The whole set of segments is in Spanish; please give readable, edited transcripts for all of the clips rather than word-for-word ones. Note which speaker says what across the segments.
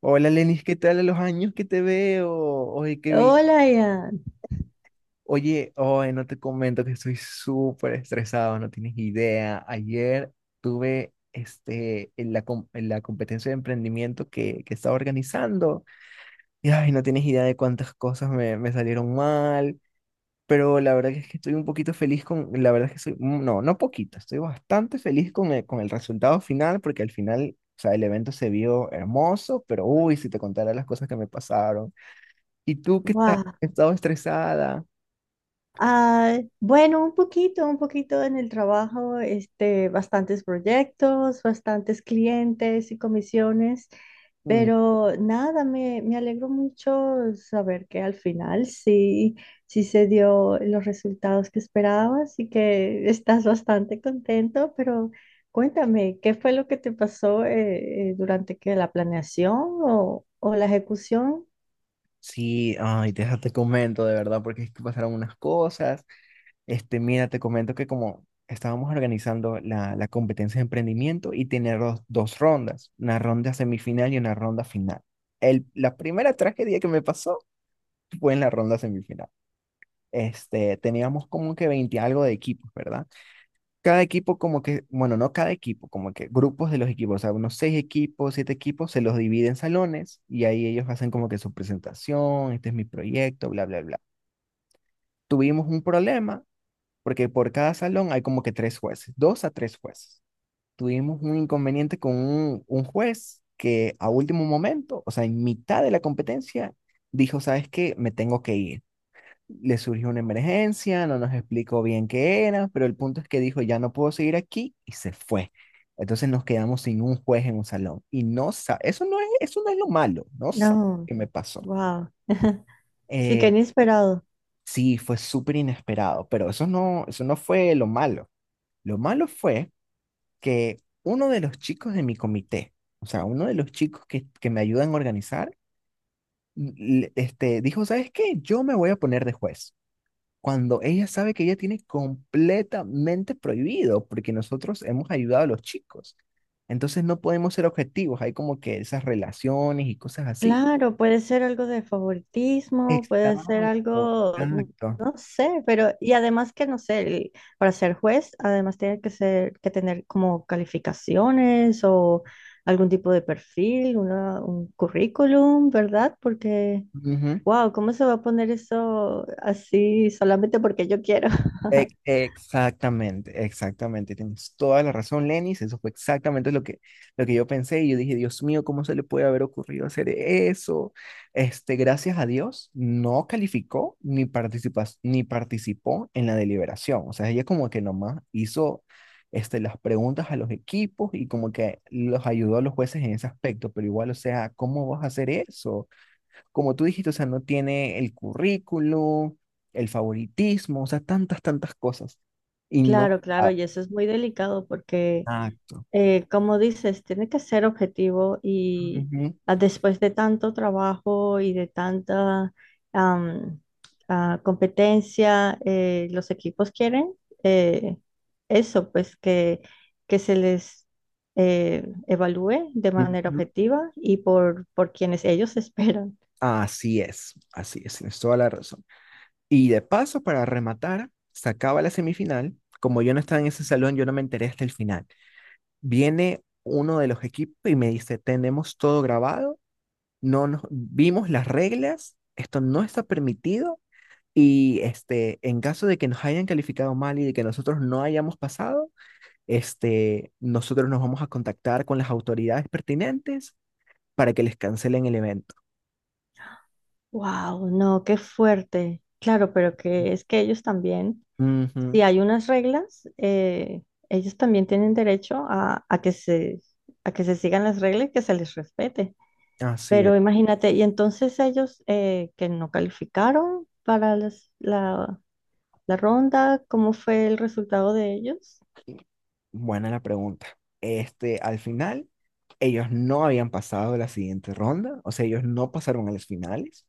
Speaker 1: Hola, Lenis, ¿qué tal? A los años que te veo. Oye, qué vi.
Speaker 2: Hola, Ian.
Speaker 1: Oye, oye, no te comento que estoy súper estresado, no tienes idea. Ayer tuve este, en la competencia de emprendimiento que estaba organizando, y ay, no tienes idea de cuántas cosas me salieron mal, pero la verdad que es que estoy un poquito feliz con, la verdad es que soy, no, no poquito, estoy bastante feliz con el resultado final, porque al final, o sea, el evento se vio hermoso, pero uy, si te contara las cosas que me pasaron. ¿Y tú qué estás?
Speaker 2: Guau.
Speaker 1: ¿Has estado estresada?
Speaker 2: Ah, bueno, un poquito en el trabajo, bastantes proyectos, bastantes clientes y comisiones,
Speaker 1: Mm.
Speaker 2: pero nada, me alegro mucho saber que al final sí, sí se dio los resultados que esperabas y que estás bastante contento, pero cuéntame, ¿qué fue lo que te pasó durante que la planeación o la ejecución?
Speaker 1: Sí, ay, deja, te comento de verdad, porque es que pasaron unas cosas. Este, mira, te comento que como estábamos organizando la competencia de emprendimiento y tener dos rondas, una ronda semifinal y una ronda final. La primera tragedia que me pasó fue en la ronda semifinal. Este, teníamos como que 20 algo de equipos, ¿verdad? Cada equipo como que, bueno, no cada equipo, como que grupos de los equipos, o sea, unos seis equipos, siete equipos, se los divide en salones y ahí ellos hacen como que su presentación, este es mi proyecto, bla, bla, bla. Tuvimos un problema porque por cada salón hay como que tres jueces, dos a tres jueces. Tuvimos un inconveniente con un juez que a último momento, o sea, en mitad de la competencia, dijo, ¿sabes qué? Me tengo que ir, le surgió una emergencia, no nos explicó bien qué era, pero el punto es que dijo, ya no puedo seguir aquí, y se fue. Entonces nos quedamos sin un juez en un salón, y eso no es lo malo, no sabe
Speaker 2: No,
Speaker 1: qué me pasó.
Speaker 2: wow. Sí, que
Speaker 1: Eh,
Speaker 2: inesperado.
Speaker 1: sí, fue súper inesperado, pero eso no fue lo malo. Lo malo fue que uno de los chicos de mi comité, o sea, uno de los chicos que me ayudan a organizar, este, dijo, ¿sabes qué? Yo me voy a poner de juez, cuando ella sabe que ella tiene completamente prohibido, porque nosotros hemos ayudado a los chicos. Entonces no podemos ser objetivos, hay como que esas relaciones y cosas así.
Speaker 2: Claro, puede ser algo de favoritismo, puede ser
Speaker 1: Exacto, exacto.
Speaker 2: no sé, pero y además que no sé, para ser juez, además tiene que ser que tener como calificaciones o algún tipo de perfil, un currículum, ¿verdad? Porque,
Speaker 1: Ujú.
Speaker 2: wow, ¿cómo se va a poner eso así solamente porque yo quiero?
Speaker 1: Exactamente, exactamente. Tienes toda la razón, Lenis. Eso fue exactamente lo que yo pensé. Y yo dije, Dios mío, ¿cómo se le puede haber ocurrido hacer eso? Este, gracias a Dios, no calificó ni ni participó en la deliberación. O sea, ella como que nomás hizo este, las preguntas a los equipos y como que los ayudó a los jueces en ese aspecto. Pero igual, o sea, ¿cómo vas a hacer eso? Como tú dijiste, o sea, no tiene el currículo, el favoritismo, o sea, tantas, tantas cosas. Y no.
Speaker 2: Claro, claro,
Speaker 1: Ah.
Speaker 2: y eso es muy delicado porque
Speaker 1: Exacto.
Speaker 2: como dices, tiene que ser objetivo y
Speaker 1: Ujú,
Speaker 2: después de tanto trabajo y de tanta am, competencia, los equipos quieren eh, eso, pues que se les evalúe de manera
Speaker 1: ujú.
Speaker 2: objetiva y por quienes ellos esperan.
Speaker 1: Así es, tienes toda la razón. Y de paso, para rematar, se acaba la semifinal. Como yo no estaba en ese salón, yo no me enteré hasta el final. Viene uno de los equipos y me dice, tenemos todo grabado, no nos vimos las reglas, esto no está permitido. Y este, en caso de que nos hayan calificado mal y de que nosotros no hayamos pasado, este, nosotros nos vamos a contactar con las autoridades pertinentes para que les cancelen el evento.
Speaker 2: Wow, no, qué fuerte. Claro, pero que es que ellos también
Speaker 1: Ujú.
Speaker 2: si hay unas reglas, ellos también tienen derecho a que se sigan las reglas y que se les respete.
Speaker 1: Así es.
Speaker 2: Pero imagínate, y entonces ellos que no calificaron para la ronda, ¿cómo fue el resultado de ellos?
Speaker 1: Buena la pregunta. Este, al final, ellos no habían pasado la siguiente ronda, o sea, ellos no pasaron a las finales.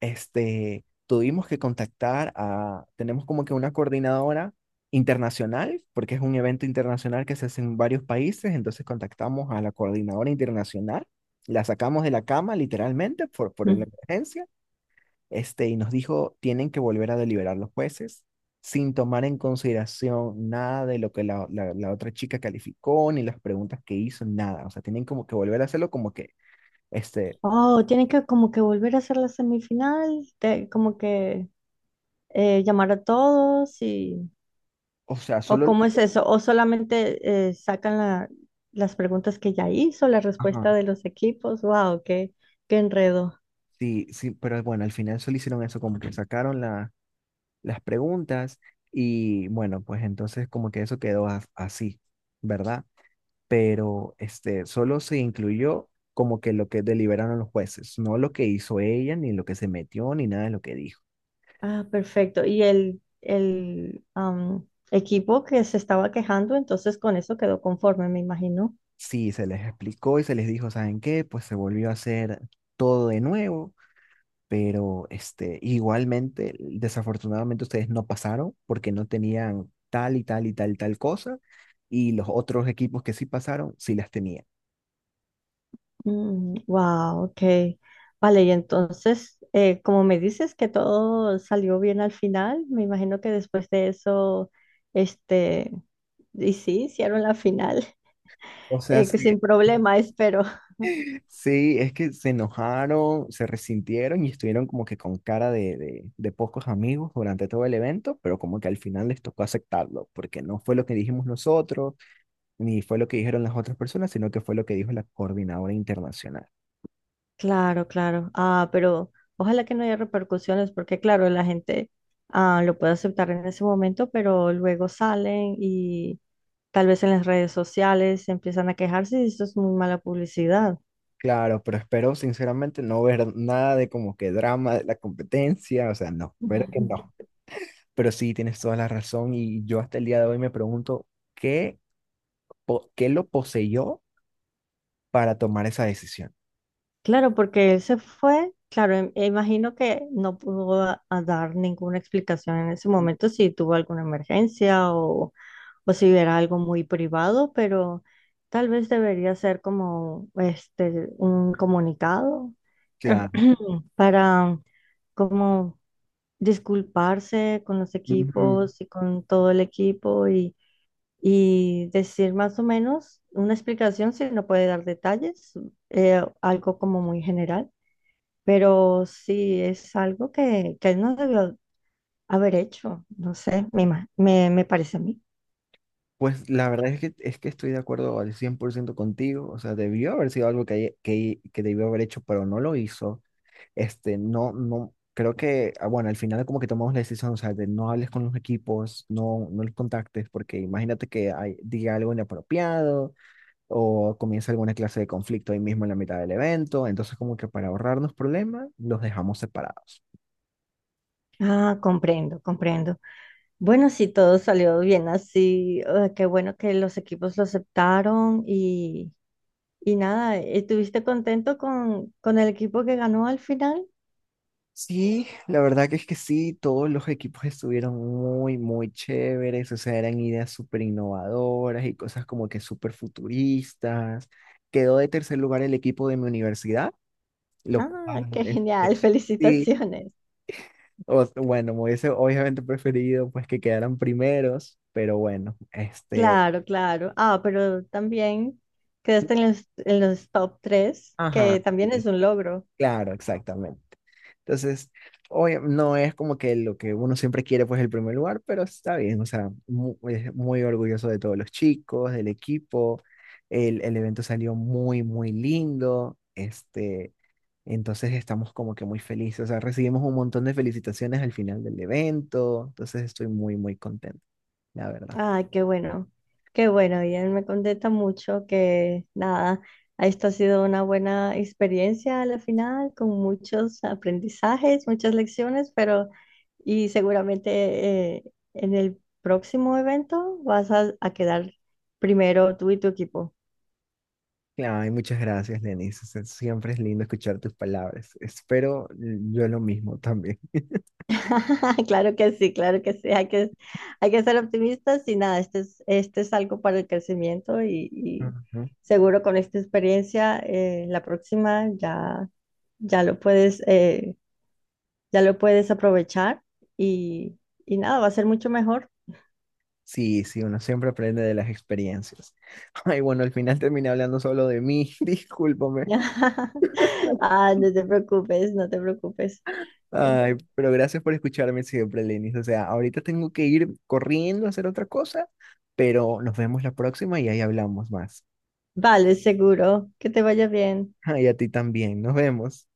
Speaker 1: Este, tuvimos que contactar a, tenemos como que una coordinadora internacional, porque es un evento internacional que se hace en varios países, entonces contactamos a la coordinadora internacional, la sacamos de la cama literalmente por la
Speaker 2: Mm.
Speaker 1: emergencia, este, y nos dijo, tienen que volver a deliberar los jueces sin tomar en consideración nada de lo que la otra chica calificó, ni las preguntas que hizo, nada. O sea, tienen como que volver a hacerlo como que, este,
Speaker 2: Oh, tienen que como que volver a hacer la semifinal, como que llamar a todos y
Speaker 1: o sea,
Speaker 2: ¿O
Speaker 1: solo...
Speaker 2: cómo es eso? ¿O solamente sacan las preguntas que ya hizo, la
Speaker 1: Ajá.
Speaker 2: respuesta de los equipos? ¡Wow! ¡Qué, qué enredo!
Speaker 1: Sí, sí, pero bueno, al final solo hicieron eso, como que sacaron las preguntas, y bueno, pues entonces como que eso quedó así, ¿verdad? Pero este, solo se incluyó como que lo que deliberaron los jueces, no lo que hizo ella, ni lo que se metió, ni nada de lo que dijo.
Speaker 2: Ah, perfecto. Y el equipo que se estaba quejando, entonces con eso quedó conforme, me imagino.
Speaker 1: Sí, se les explicó y se les dijo, ¿saben qué? Pues se volvió a hacer todo de nuevo, pero este, igualmente, desafortunadamente, ustedes no pasaron porque no tenían tal y tal y tal tal cosa, y los otros equipos que sí pasaron sí las tenían.
Speaker 2: Mm, ¡Wow! Ok. Vale, y entonces, como me dices que todo salió bien al final, me imagino que después de eso, este, y sí, hicieron la final,
Speaker 1: O sea, sí,
Speaker 2: que sin problema, espero.
Speaker 1: sí, es que se enojaron, se resintieron y estuvieron como que con cara de, pocos amigos durante todo el evento, pero como que al final les tocó aceptarlo, porque no fue lo que dijimos nosotros, ni fue lo que dijeron las otras personas, sino que fue lo que dijo la coordinadora internacional.
Speaker 2: Claro, claro. Ah, pero ojalá que no haya repercusiones, porque claro, la gente lo puede aceptar en ese momento, pero luego salen y tal vez en las redes sociales empiezan a quejarse y eso es muy mala publicidad.
Speaker 1: Claro, pero espero sinceramente no ver nada de como que drama de la competencia, o sea, no, espero que
Speaker 2: Ujú.
Speaker 1: no. Pero sí, tienes toda la razón, y yo hasta el día de hoy me pregunto qué, qué lo poseyó para tomar esa decisión.
Speaker 2: Claro, porque él se fue, claro, imagino que no pudo a dar ninguna explicación en ese momento si tuvo alguna emergencia o si era algo muy privado, pero tal vez debería ser como este un comunicado
Speaker 1: Claro.
Speaker 2: para como disculparse con los
Speaker 1: Ujú.
Speaker 2: equipos y con todo el equipo y decir más o menos una explicación si no puede dar detalles, algo como muy general, pero sí es algo que él no debió haber hecho, no sé, me parece a mí.
Speaker 1: Pues la verdad es que estoy de acuerdo al 100% contigo, o sea, debió haber sido algo que debió haber hecho, pero no lo hizo. Este, no, no, creo que, ah, bueno, al final como que tomamos la decisión, o sea, de no hables con los equipos, no los contactes, porque imagínate que diga algo inapropiado, o comienza alguna clase de conflicto ahí mismo en la mitad del evento, entonces como que para ahorrarnos problemas, los dejamos separados.
Speaker 2: Ah, comprendo, comprendo. Bueno, sí, todo salió bien así. Ah, qué bueno que los equipos lo aceptaron. Y nada, ¿estuviste contento con el equipo que ganó al final?
Speaker 1: Sí, la verdad que es que sí, todos los equipos estuvieron muy, muy chéveres, o sea, eran ideas súper innovadoras y cosas como que súper futuristas. Quedó de tercer lugar el equipo de mi universidad. Lo
Speaker 2: Ah,
Speaker 1: cual,
Speaker 2: qué genial,
Speaker 1: este, sí,
Speaker 2: felicitaciones.
Speaker 1: bueno, me hubiese obviamente preferido, pues, que quedaran primeros, pero bueno, este,
Speaker 2: Claro, claro. Ah, pero también quedaste en los top 3,
Speaker 1: ajá,
Speaker 2: que también
Speaker 1: sí,
Speaker 2: es un logro.
Speaker 1: claro, exactamente. Entonces, hoy no es como que lo que uno siempre quiere, pues el primer lugar, pero está bien, o sea, es muy, orgulloso de todos los chicos, del equipo, el evento salió muy, muy lindo, este, entonces estamos como que muy felices, o sea, recibimos un montón de felicitaciones al final del evento, entonces estoy muy, muy contento, la verdad.
Speaker 2: Ah, qué bueno, qué bueno. Y él me contenta mucho que nada, esto ha sido una buena experiencia a la final, con muchos aprendizajes, muchas lecciones, pero y seguramente eh, en el próximo evento vas a quedar primero tú y tu equipo.
Speaker 1: Ay, muchas gracias, Lenis. O sea, siempre es lindo escuchar tus palabras. Espero yo lo mismo también.
Speaker 2: Claro que sí, claro que sí. Hay que ser optimistas y nada, este es algo para el crecimiento y seguro con esta experiencia, la próxima ya. ya lo puedes, eh, ya lo puedes aprovechar y, y nada, va a ser mucho mejor.
Speaker 1: Sí, sí, uno siempre aprende de las experiencias. Ay, bueno, al final terminé hablando solo de mí, discúlpame.
Speaker 2: Ah, no te preocupes, no te preocupes. Eh,
Speaker 1: Ay, pero gracias por escucharme siempre, Lenis. O sea, ahorita tengo que ir corriendo a hacer otra cosa, pero nos vemos la próxima, y ahí hablamos más.
Speaker 2: Vale, seguro. Que te vaya bien.
Speaker 1: Ay, a ti también, nos vemos.